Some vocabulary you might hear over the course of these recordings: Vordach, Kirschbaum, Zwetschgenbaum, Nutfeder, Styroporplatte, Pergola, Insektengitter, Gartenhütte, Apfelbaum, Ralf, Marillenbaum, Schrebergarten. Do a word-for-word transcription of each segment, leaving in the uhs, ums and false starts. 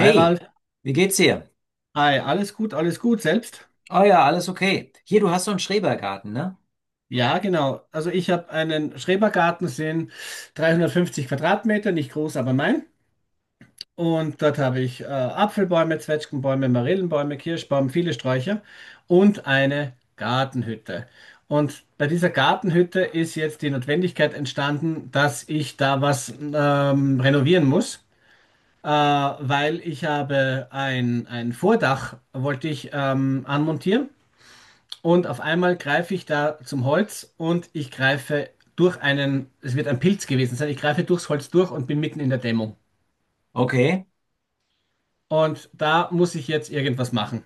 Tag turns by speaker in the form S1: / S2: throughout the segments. S1: Hi Ralf,
S2: wie geht's dir?
S1: hi, alles gut, alles gut, selbst?
S2: Oh ja, alles okay. Hier, du hast so einen Schrebergarten, ne?
S1: Ja, genau. Also ich habe einen Schrebergarten, sind dreihundertfünfzig Quadratmeter, nicht groß, aber mein. Und dort habe ich äh, Apfelbäume, Zwetschgenbäume, Marillenbäume, Kirschbaum, viele Sträucher und eine Gartenhütte. Und bei dieser Gartenhütte ist jetzt die Notwendigkeit entstanden, dass ich da was ähm, renovieren muss. Äh, weil ich habe ein, ein Vordach, wollte ich ähm, anmontieren. Und auf einmal greife ich da zum Holz und ich greife durch einen, es wird ein Pilz gewesen sein, ich greife durchs Holz durch und bin mitten in der Dämmung.
S2: Okay.
S1: Und da muss ich jetzt irgendwas machen.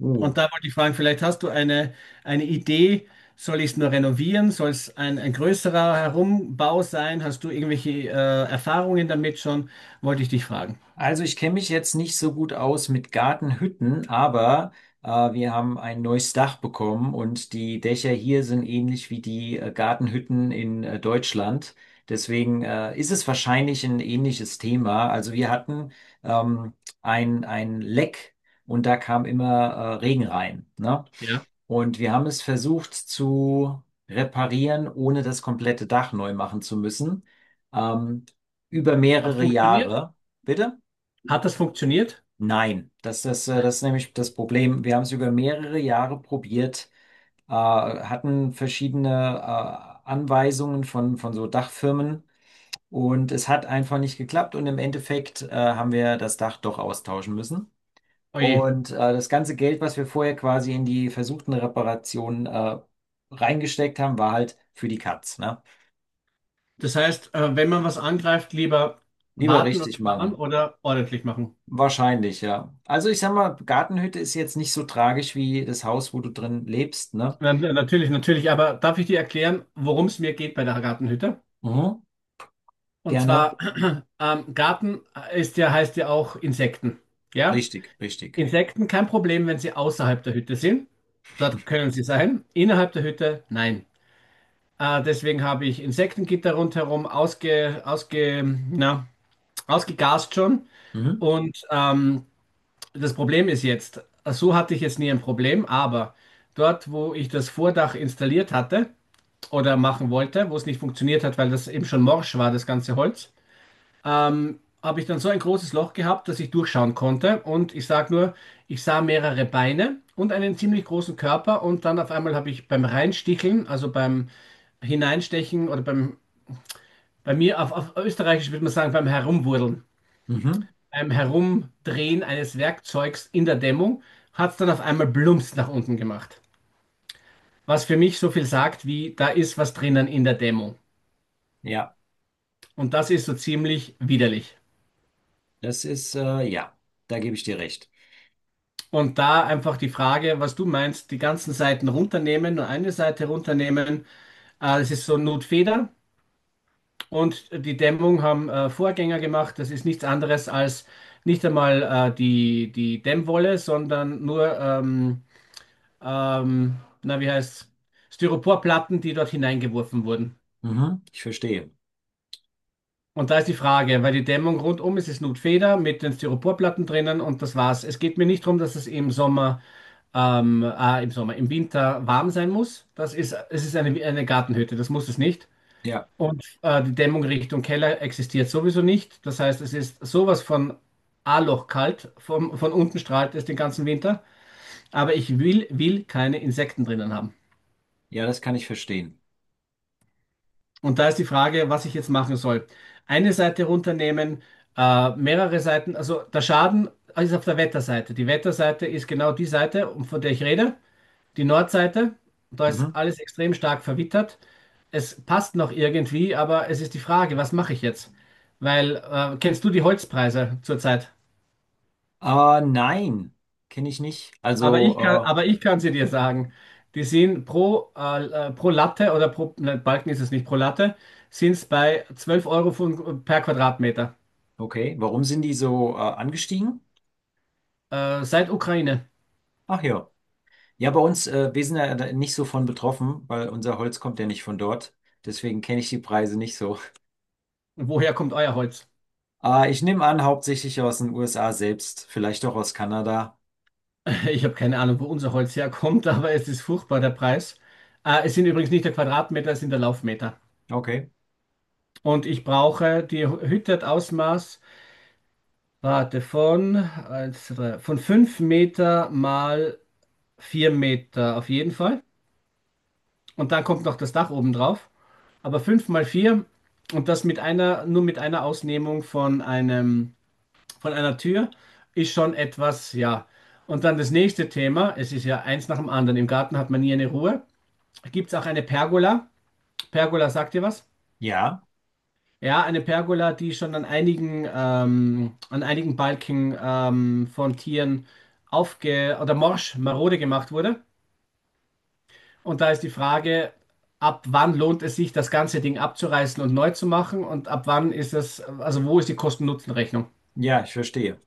S2: Uh,
S1: Und da wollte ich fragen, vielleicht hast du eine, eine Idee, soll ich es nur renovieren? Soll es ein, ein größerer Herumbau sein? Hast du irgendwelche äh, Erfahrungen damit schon? Wollte ich dich fragen.
S2: Also ich kenne mich jetzt nicht so gut aus mit Gartenhütten, aber äh, wir haben ein neues Dach bekommen und die Dächer hier sind ähnlich wie die äh, Gartenhütten in äh, Deutschland. Deswegen äh, ist es wahrscheinlich ein ähnliches Thema. Also wir hatten ähm, ein, ein Leck und da kam immer äh, Regen rein, ne?
S1: Ja.
S2: Und wir haben es versucht zu reparieren, ohne das komplette Dach neu machen zu müssen, ähm, über
S1: Hat
S2: mehrere
S1: funktioniert?
S2: Jahre. Bitte?
S1: Hat das funktioniert?
S2: Nein, das ist, äh, das ist nämlich das Problem. Wir haben es über mehrere Jahre probiert, äh, hatten verschiedene äh, Anweisungen von, von so Dachfirmen und es hat einfach nicht geklappt und im Endeffekt äh, haben wir das Dach doch austauschen müssen.
S1: Oje.
S2: Und äh, das ganze Geld, was wir vorher quasi in die versuchten Reparationen äh, reingesteckt haben, war halt für die Katz, ne?
S1: Das heißt, äh, wenn man was angreift, lieber
S2: Lieber
S1: warten und
S2: richtig
S1: sparen
S2: machen.
S1: oder ordentlich machen?
S2: Wahrscheinlich, ja. Also ich sag mal, Gartenhütte ist jetzt nicht so tragisch wie das Haus, wo du drin lebst, ne?
S1: Na, na- natürlich, natürlich. Aber darf ich dir erklären, worum es mir geht bei der Gartenhütte?
S2: Mhm.
S1: Und
S2: Gerne.
S1: zwar, ähm, Garten äh, ist ja, heißt ja auch Insekten. Ja?
S2: Richtig, richtig.
S1: Insekten kein Problem, wenn sie außerhalb der Hütte sind. Dort können sie sein. Innerhalb der Hütte, nein. Äh, deswegen habe ich Insektengitter rundherum ausge, ausge, na, ausgegast schon.
S2: Mhm.
S1: Und ähm, das Problem ist jetzt, so hatte ich jetzt nie ein Problem, aber dort, wo ich das Vordach installiert hatte, oder machen wollte, wo es nicht funktioniert hat, weil das eben schon morsch war, das ganze Holz, ähm, habe ich dann so ein großes Loch gehabt, dass ich durchschauen konnte. Und ich sage nur, ich sah mehrere Beine und einen ziemlich großen Körper. Und dann auf einmal habe ich beim Reinsticheln, also beim Hineinstechen oder beim, bei mir auf, auf Österreichisch würde man sagen, beim Herumwurdeln,
S2: Mhm.
S1: beim Herumdrehen eines Werkzeugs in der Dämmung, hat es dann auf einmal Blumps nach unten gemacht. Was für mich so viel sagt, wie da ist was drinnen in der Dämmung.
S2: Ja,
S1: Und das ist so ziemlich widerlich.
S2: das ist, äh, ja, da gebe ich dir recht.
S1: Und da einfach die Frage, was du meinst, die ganzen Seiten runternehmen, nur eine Seite runternehmen. Äh, das ist so Notfeder und die Dämmung haben äh, Vorgänger gemacht. Das ist nichts anderes als nicht einmal äh, die, die Dämmwolle, sondern nur, ähm, ähm, na, wie heißt Styroporplatten, die dort hineingeworfen wurden.
S2: Mhm. Ich verstehe.
S1: Und da ist die Frage, weil die Dämmung rundum ist, ist Nutfeder mit den Styroporplatten drinnen und das war's. Es geht mir nicht darum, dass es im Sommer, ähm, äh, im Sommer, im Winter warm sein muss. Das ist, es ist eine, eine Gartenhütte, das muss es nicht.
S2: Ja,
S1: Und äh, die Dämmung Richtung Keller existiert sowieso nicht. Das heißt, es ist sowas von A-Loch kalt, vom, von unten strahlt es den ganzen Winter. Aber ich will, will keine Insekten drinnen haben.
S2: ja, das kann ich verstehen.
S1: Und da ist die Frage, was ich jetzt machen soll. Eine Seite runternehmen, äh, mehrere Seiten, also der Schaden ist auf der Wetterseite. Die Wetterseite ist genau die Seite, um- von der ich rede, die Nordseite. Da ist
S2: Mhm.
S1: alles extrem stark verwittert. Es passt noch irgendwie, aber es ist die Frage, was mache ich jetzt? Weil, äh, kennst du die Holzpreise zurzeit?
S2: Äh, nein, kenne ich nicht.
S1: Aber ich kann,
S2: Also,
S1: aber ich kann sie dir sagen. Die sind pro, äh, äh, pro Latte oder pro, nein, Balken ist es nicht, pro Latte, sind es bei zwölf Euro von, per Quadratmeter.
S2: äh, okay, warum sind die so, äh, angestiegen?
S1: Äh, seit Ukraine.
S2: Ach ja. Ja, bei uns, äh, wir sind ja da nicht so von betroffen, weil unser Holz kommt ja nicht von dort. Deswegen kenne ich die Preise nicht so.
S1: Woher kommt euer Holz?
S2: Äh, ich nehme an, hauptsächlich aus den U S A selbst, vielleicht auch aus Kanada.
S1: Ich habe keine Ahnung, wo unser Holz herkommt, aber es ist furchtbar, der Preis. Äh, es sind übrigens nicht der Quadratmeter, es sind der Laufmeter.
S2: Okay.
S1: Und ich brauche, die Hütte hat Ausmaß, warte, von, eins, zwei, drei, von fünf Meter mal vier Meter auf jeden Fall. Und dann kommt noch das Dach oben drauf. Aber fünf mal vier und das mit einer, nur mit einer Ausnehmung von einem von einer Tür ist schon etwas, ja. Und dann das nächste Thema, es ist ja eins nach dem anderen. Im Garten hat man nie eine Ruhe. Gibt es auch eine Pergola? Pergola, sagt ihr was?
S2: Ja.
S1: Ja, eine Pergola, die schon an einigen, ähm, an einigen Balken ähm, von Tieren aufge oder morsch, marode gemacht wurde. Und da ist die Frage, ab wann lohnt es sich, das ganze Ding abzureißen und neu zu machen? Und ab wann ist es, also wo ist die Kosten-Nutzen-Rechnung?
S2: Ja, ich verstehe.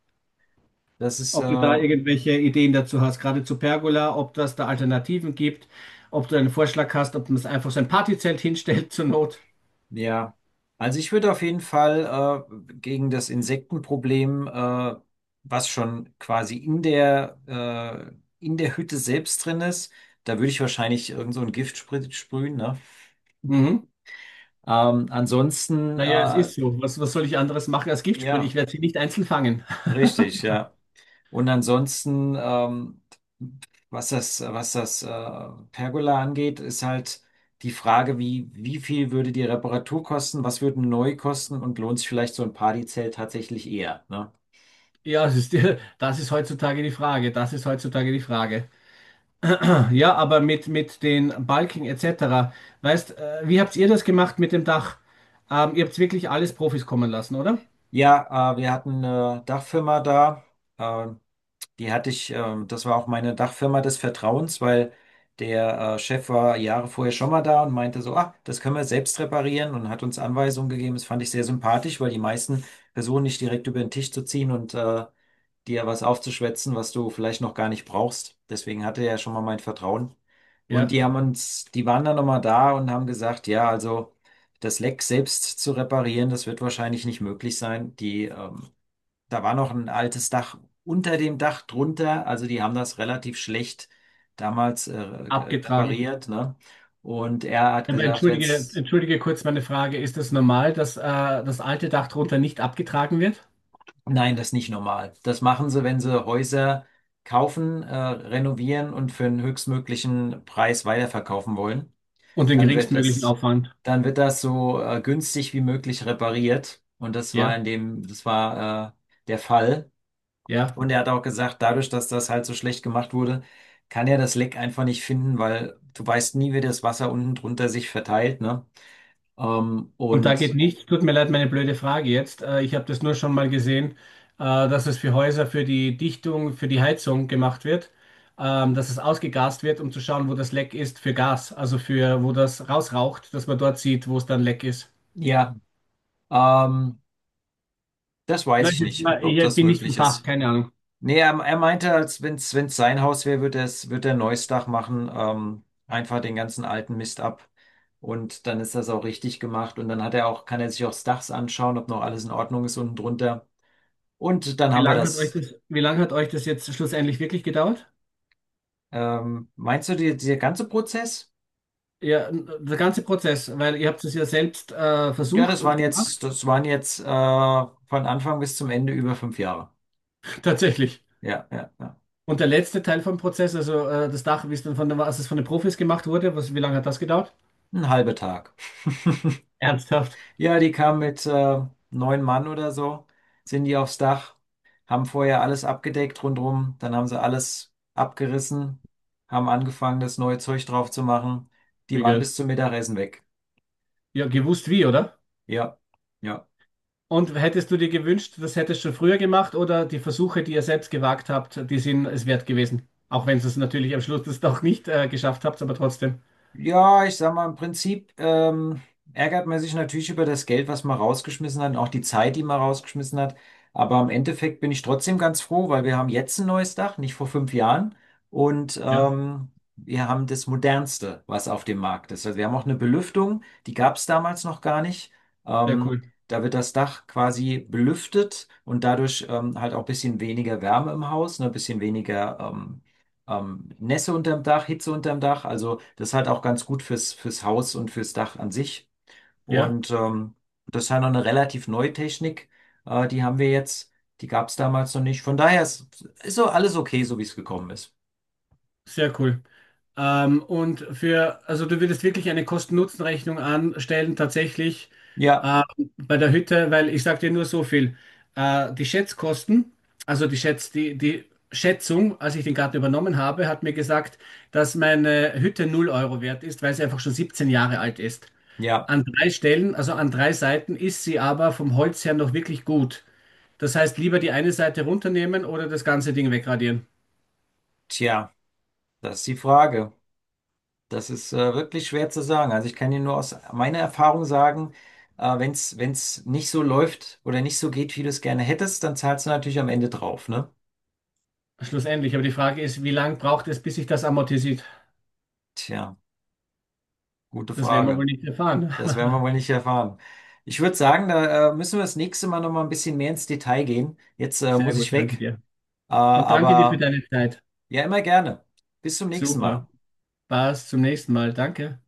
S2: Das ist, äh,
S1: Ob du da irgendwelche Ideen dazu hast, gerade zu Pergola, ob das da Alternativen gibt, ob du einen Vorschlag hast, ob man es einfach so ein Partyzelt hinstellt zur Not.
S2: ja. Also ich würde auf jeden Fall äh, gegen das Insektenproblem, äh, was schon quasi in der, äh, in der Hütte selbst drin ist, da würde ich wahrscheinlich irgend so ein Giftsprit sprühen, ne?
S1: Mhm.
S2: Ähm, ansonsten,
S1: Naja, es
S2: äh,
S1: ist so. Was, was soll ich anderes machen als Giftsprühe?
S2: ja,
S1: Ich werde sie nicht einzeln fangen.
S2: richtig, ja. Und ansonsten, ähm, was das, was das äh, Pergola angeht, ist halt die Frage, wie, wie viel würde die Reparatur kosten, was würde neu kosten und lohnt sich vielleicht so ein Partyzelt tatsächlich eher, ne?
S1: Ja, es ist, das ist heutzutage die Frage. Das ist heutzutage die Frage. Ja, aber mit, mit den Balken et cetera. Weißt, äh, wie habt ihr das gemacht mit dem Dach? Ähm, ihr habt wirklich alles Profis kommen lassen, oder?
S2: Ja, äh, wir hatten eine Dachfirma da. Äh, Die hatte ich, ähm, das war auch meine Dachfirma des Vertrauens, weil der äh, Chef war Jahre vorher schon mal da und meinte so, ah, das können wir selbst reparieren und hat uns Anweisungen gegeben. Das fand ich sehr sympathisch, weil die meisten versuchen nicht direkt über den Tisch zu ziehen und äh, dir was aufzuschwätzen, was du vielleicht noch gar nicht brauchst. Deswegen hatte er schon mal mein Vertrauen. Und
S1: Ja,
S2: die haben uns, die waren dann nochmal da und haben gesagt, ja, also das Leck selbst zu reparieren, das wird wahrscheinlich nicht möglich sein. Die ähm, da war noch ein altes Dach unter dem Dach drunter. Also die haben das relativ schlecht damals äh, ge-
S1: abgetragen.
S2: repariert, ne? Und er hat
S1: Ja, Aber
S2: gesagt,
S1: entschuldige,
S2: wenn's,
S1: entschuldige kurz meine Frage. Ist es normal, dass äh, das alte Dach drunter nicht abgetragen wird?
S2: nein, das ist nicht normal. Das machen sie, wenn sie Häuser kaufen, äh, renovieren und für einen höchstmöglichen Preis weiterverkaufen wollen.
S1: Und den
S2: Dann wird
S1: geringstmöglichen
S2: das,
S1: Aufwand?
S2: dann wird das so äh, günstig wie möglich repariert. Und das war in
S1: Ja,
S2: dem, das war äh, der Fall.
S1: ja.
S2: Und er hat auch gesagt, dadurch, dass das halt so schlecht gemacht wurde, kann er das Leck einfach nicht finden, weil du weißt nie, wie das Wasser unten drunter sich verteilt, ne? Ähm,
S1: Und da geht
S2: und
S1: nichts. Tut mir leid, meine blöde Frage jetzt. Äh, ich habe das nur schon mal gesehen, äh, dass es für Häuser, für die Dichtung, für die Heizung gemacht wird, ähm, dass es ausgegast wird, um zu schauen, wo das Leck ist für Gas, also für, wo das rausraucht, dass man dort sieht, wo es dann leck ist.
S2: ja, ähm, das weiß
S1: Nein,
S2: ich nicht, ob,
S1: ich
S2: ob
S1: ich
S2: das
S1: bin nicht vom
S2: möglich
S1: Fach,
S2: ist.
S1: keine Ahnung.
S2: Nee, er, er meinte, als wenn es sein Haus wäre, würde er's, wird er ein neues Dach machen, ähm, einfach den ganzen alten Mist ab. Und dann ist das auch richtig gemacht. Und dann hat er auch, kann er sich auch das Dach anschauen, ob noch alles in Ordnung ist unten drunter. Und dann
S1: Wie
S2: haben wir
S1: lange hat euch
S2: das.
S1: das, wie lange hat euch das jetzt schlussendlich wirklich gedauert?
S2: Ähm, meinst du, die, dieser ganze Prozess?
S1: Ja, der ganze Prozess, weil ihr habt es ja selbst äh,
S2: Ja,
S1: versucht
S2: das
S1: und
S2: waren
S1: gemacht,
S2: jetzt, das waren jetzt äh, von Anfang bis zum Ende über fünf Jahre.
S1: tatsächlich.
S2: Ja, ja, ja.
S1: Und der letzte Teil vom Prozess, also äh, das Dach, wie es dann von den, als es von den Profis gemacht wurde, was, wie lange hat das gedauert?
S2: Ein halber Tag.
S1: Ernsthaft?
S2: Ja, die kamen mit äh, neun Mann oder so, sind die aufs Dach, haben vorher alles abgedeckt rundrum, dann haben sie alles abgerissen, haben angefangen, das neue Zeug drauf zu machen. Die
S1: Wie
S2: waren
S1: geil.
S2: bis zum Mittagessen weg.
S1: Ja, gewusst wie, oder?
S2: Ja, ja.
S1: Und hättest du dir gewünscht, das hättest du schon früher gemacht oder die Versuche, die ihr selbst gewagt habt, die sind es wert gewesen? Auch wenn ihr es natürlich am Schluss das doch nicht äh, geschafft habt, aber trotzdem.
S2: Ja, ich sag mal, im Prinzip ähm, ärgert man sich natürlich über das Geld, was man rausgeschmissen hat und auch die Zeit, die man rausgeschmissen hat. Aber im Endeffekt bin ich trotzdem ganz froh, weil wir haben jetzt ein neues Dach, nicht vor fünf Jahren. Und
S1: Ja,
S2: ähm, wir haben das modernste, was auf dem Markt ist. Also wir haben auch eine Belüftung, die gab es damals noch gar nicht.
S1: sehr
S2: Ähm,
S1: cool.
S2: da wird das Dach quasi belüftet und dadurch ähm, halt auch ein bisschen weniger Wärme im Haus, ne, ein bisschen weniger ähm, ähm, Nässe unterm Dach, Hitze unterm Dach. Also das ist halt auch ganz gut fürs, fürs Haus und fürs Dach an sich.
S1: Ja.
S2: Und ähm, das ist halt noch eine relativ neue Technik. Äh, die haben wir jetzt. Die gab es damals noch nicht. Von daher ist, ist so alles okay, so wie es gekommen ist.
S1: Sehr cool. Ähm, und für, also du würdest wirklich eine Kosten-Nutzen-Rechnung anstellen, tatsächlich
S2: Ja,
S1: äh, bei der Hütte, weil ich sage dir nur so viel. Äh, die Schätzkosten, also die Schätz, die, die Schätzung, als ich den Garten übernommen habe, hat mir gesagt, dass meine Hütte null Euro wert ist, weil sie einfach schon siebzehn Jahre alt ist.
S2: ja,
S1: An drei Stellen, also an drei Seiten, ist sie aber vom Holz her noch wirklich gut. Das heißt, lieber die eine Seite runternehmen oder das ganze Ding wegradieren.
S2: tja, das ist die Frage. Das ist äh, wirklich schwer zu sagen. Also ich kann dir nur aus meiner Erfahrung sagen, äh, wenn es wenn's nicht so läuft oder nicht so geht, wie du es gerne hättest, dann zahlst du natürlich am Ende drauf, ne?
S1: Schlussendlich, aber die Frage ist, wie lange braucht es, bis sich das amortisiert?
S2: Tja, gute
S1: Das werden wir wohl
S2: Frage.
S1: nicht erfahren.
S2: Das werden wir wohl nicht erfahren. Ich würde sagen, da äh, müssen wir das nächste Mal noch mal ein bisschen mehr ins Detail gehen. Jetzt äh,
S1: Sehr
S2: muss
S1: gut,
S2: ich
S1: danke
S2: weg,
S1: dir.
S2: äh,
S1: Und danke dir für
S2: aber
S1: deine Zeit.
S2: ja, immer gerne. Bis zum nächsten Mal.
S1: Super. Passt, zum nächsten Mal. Danke.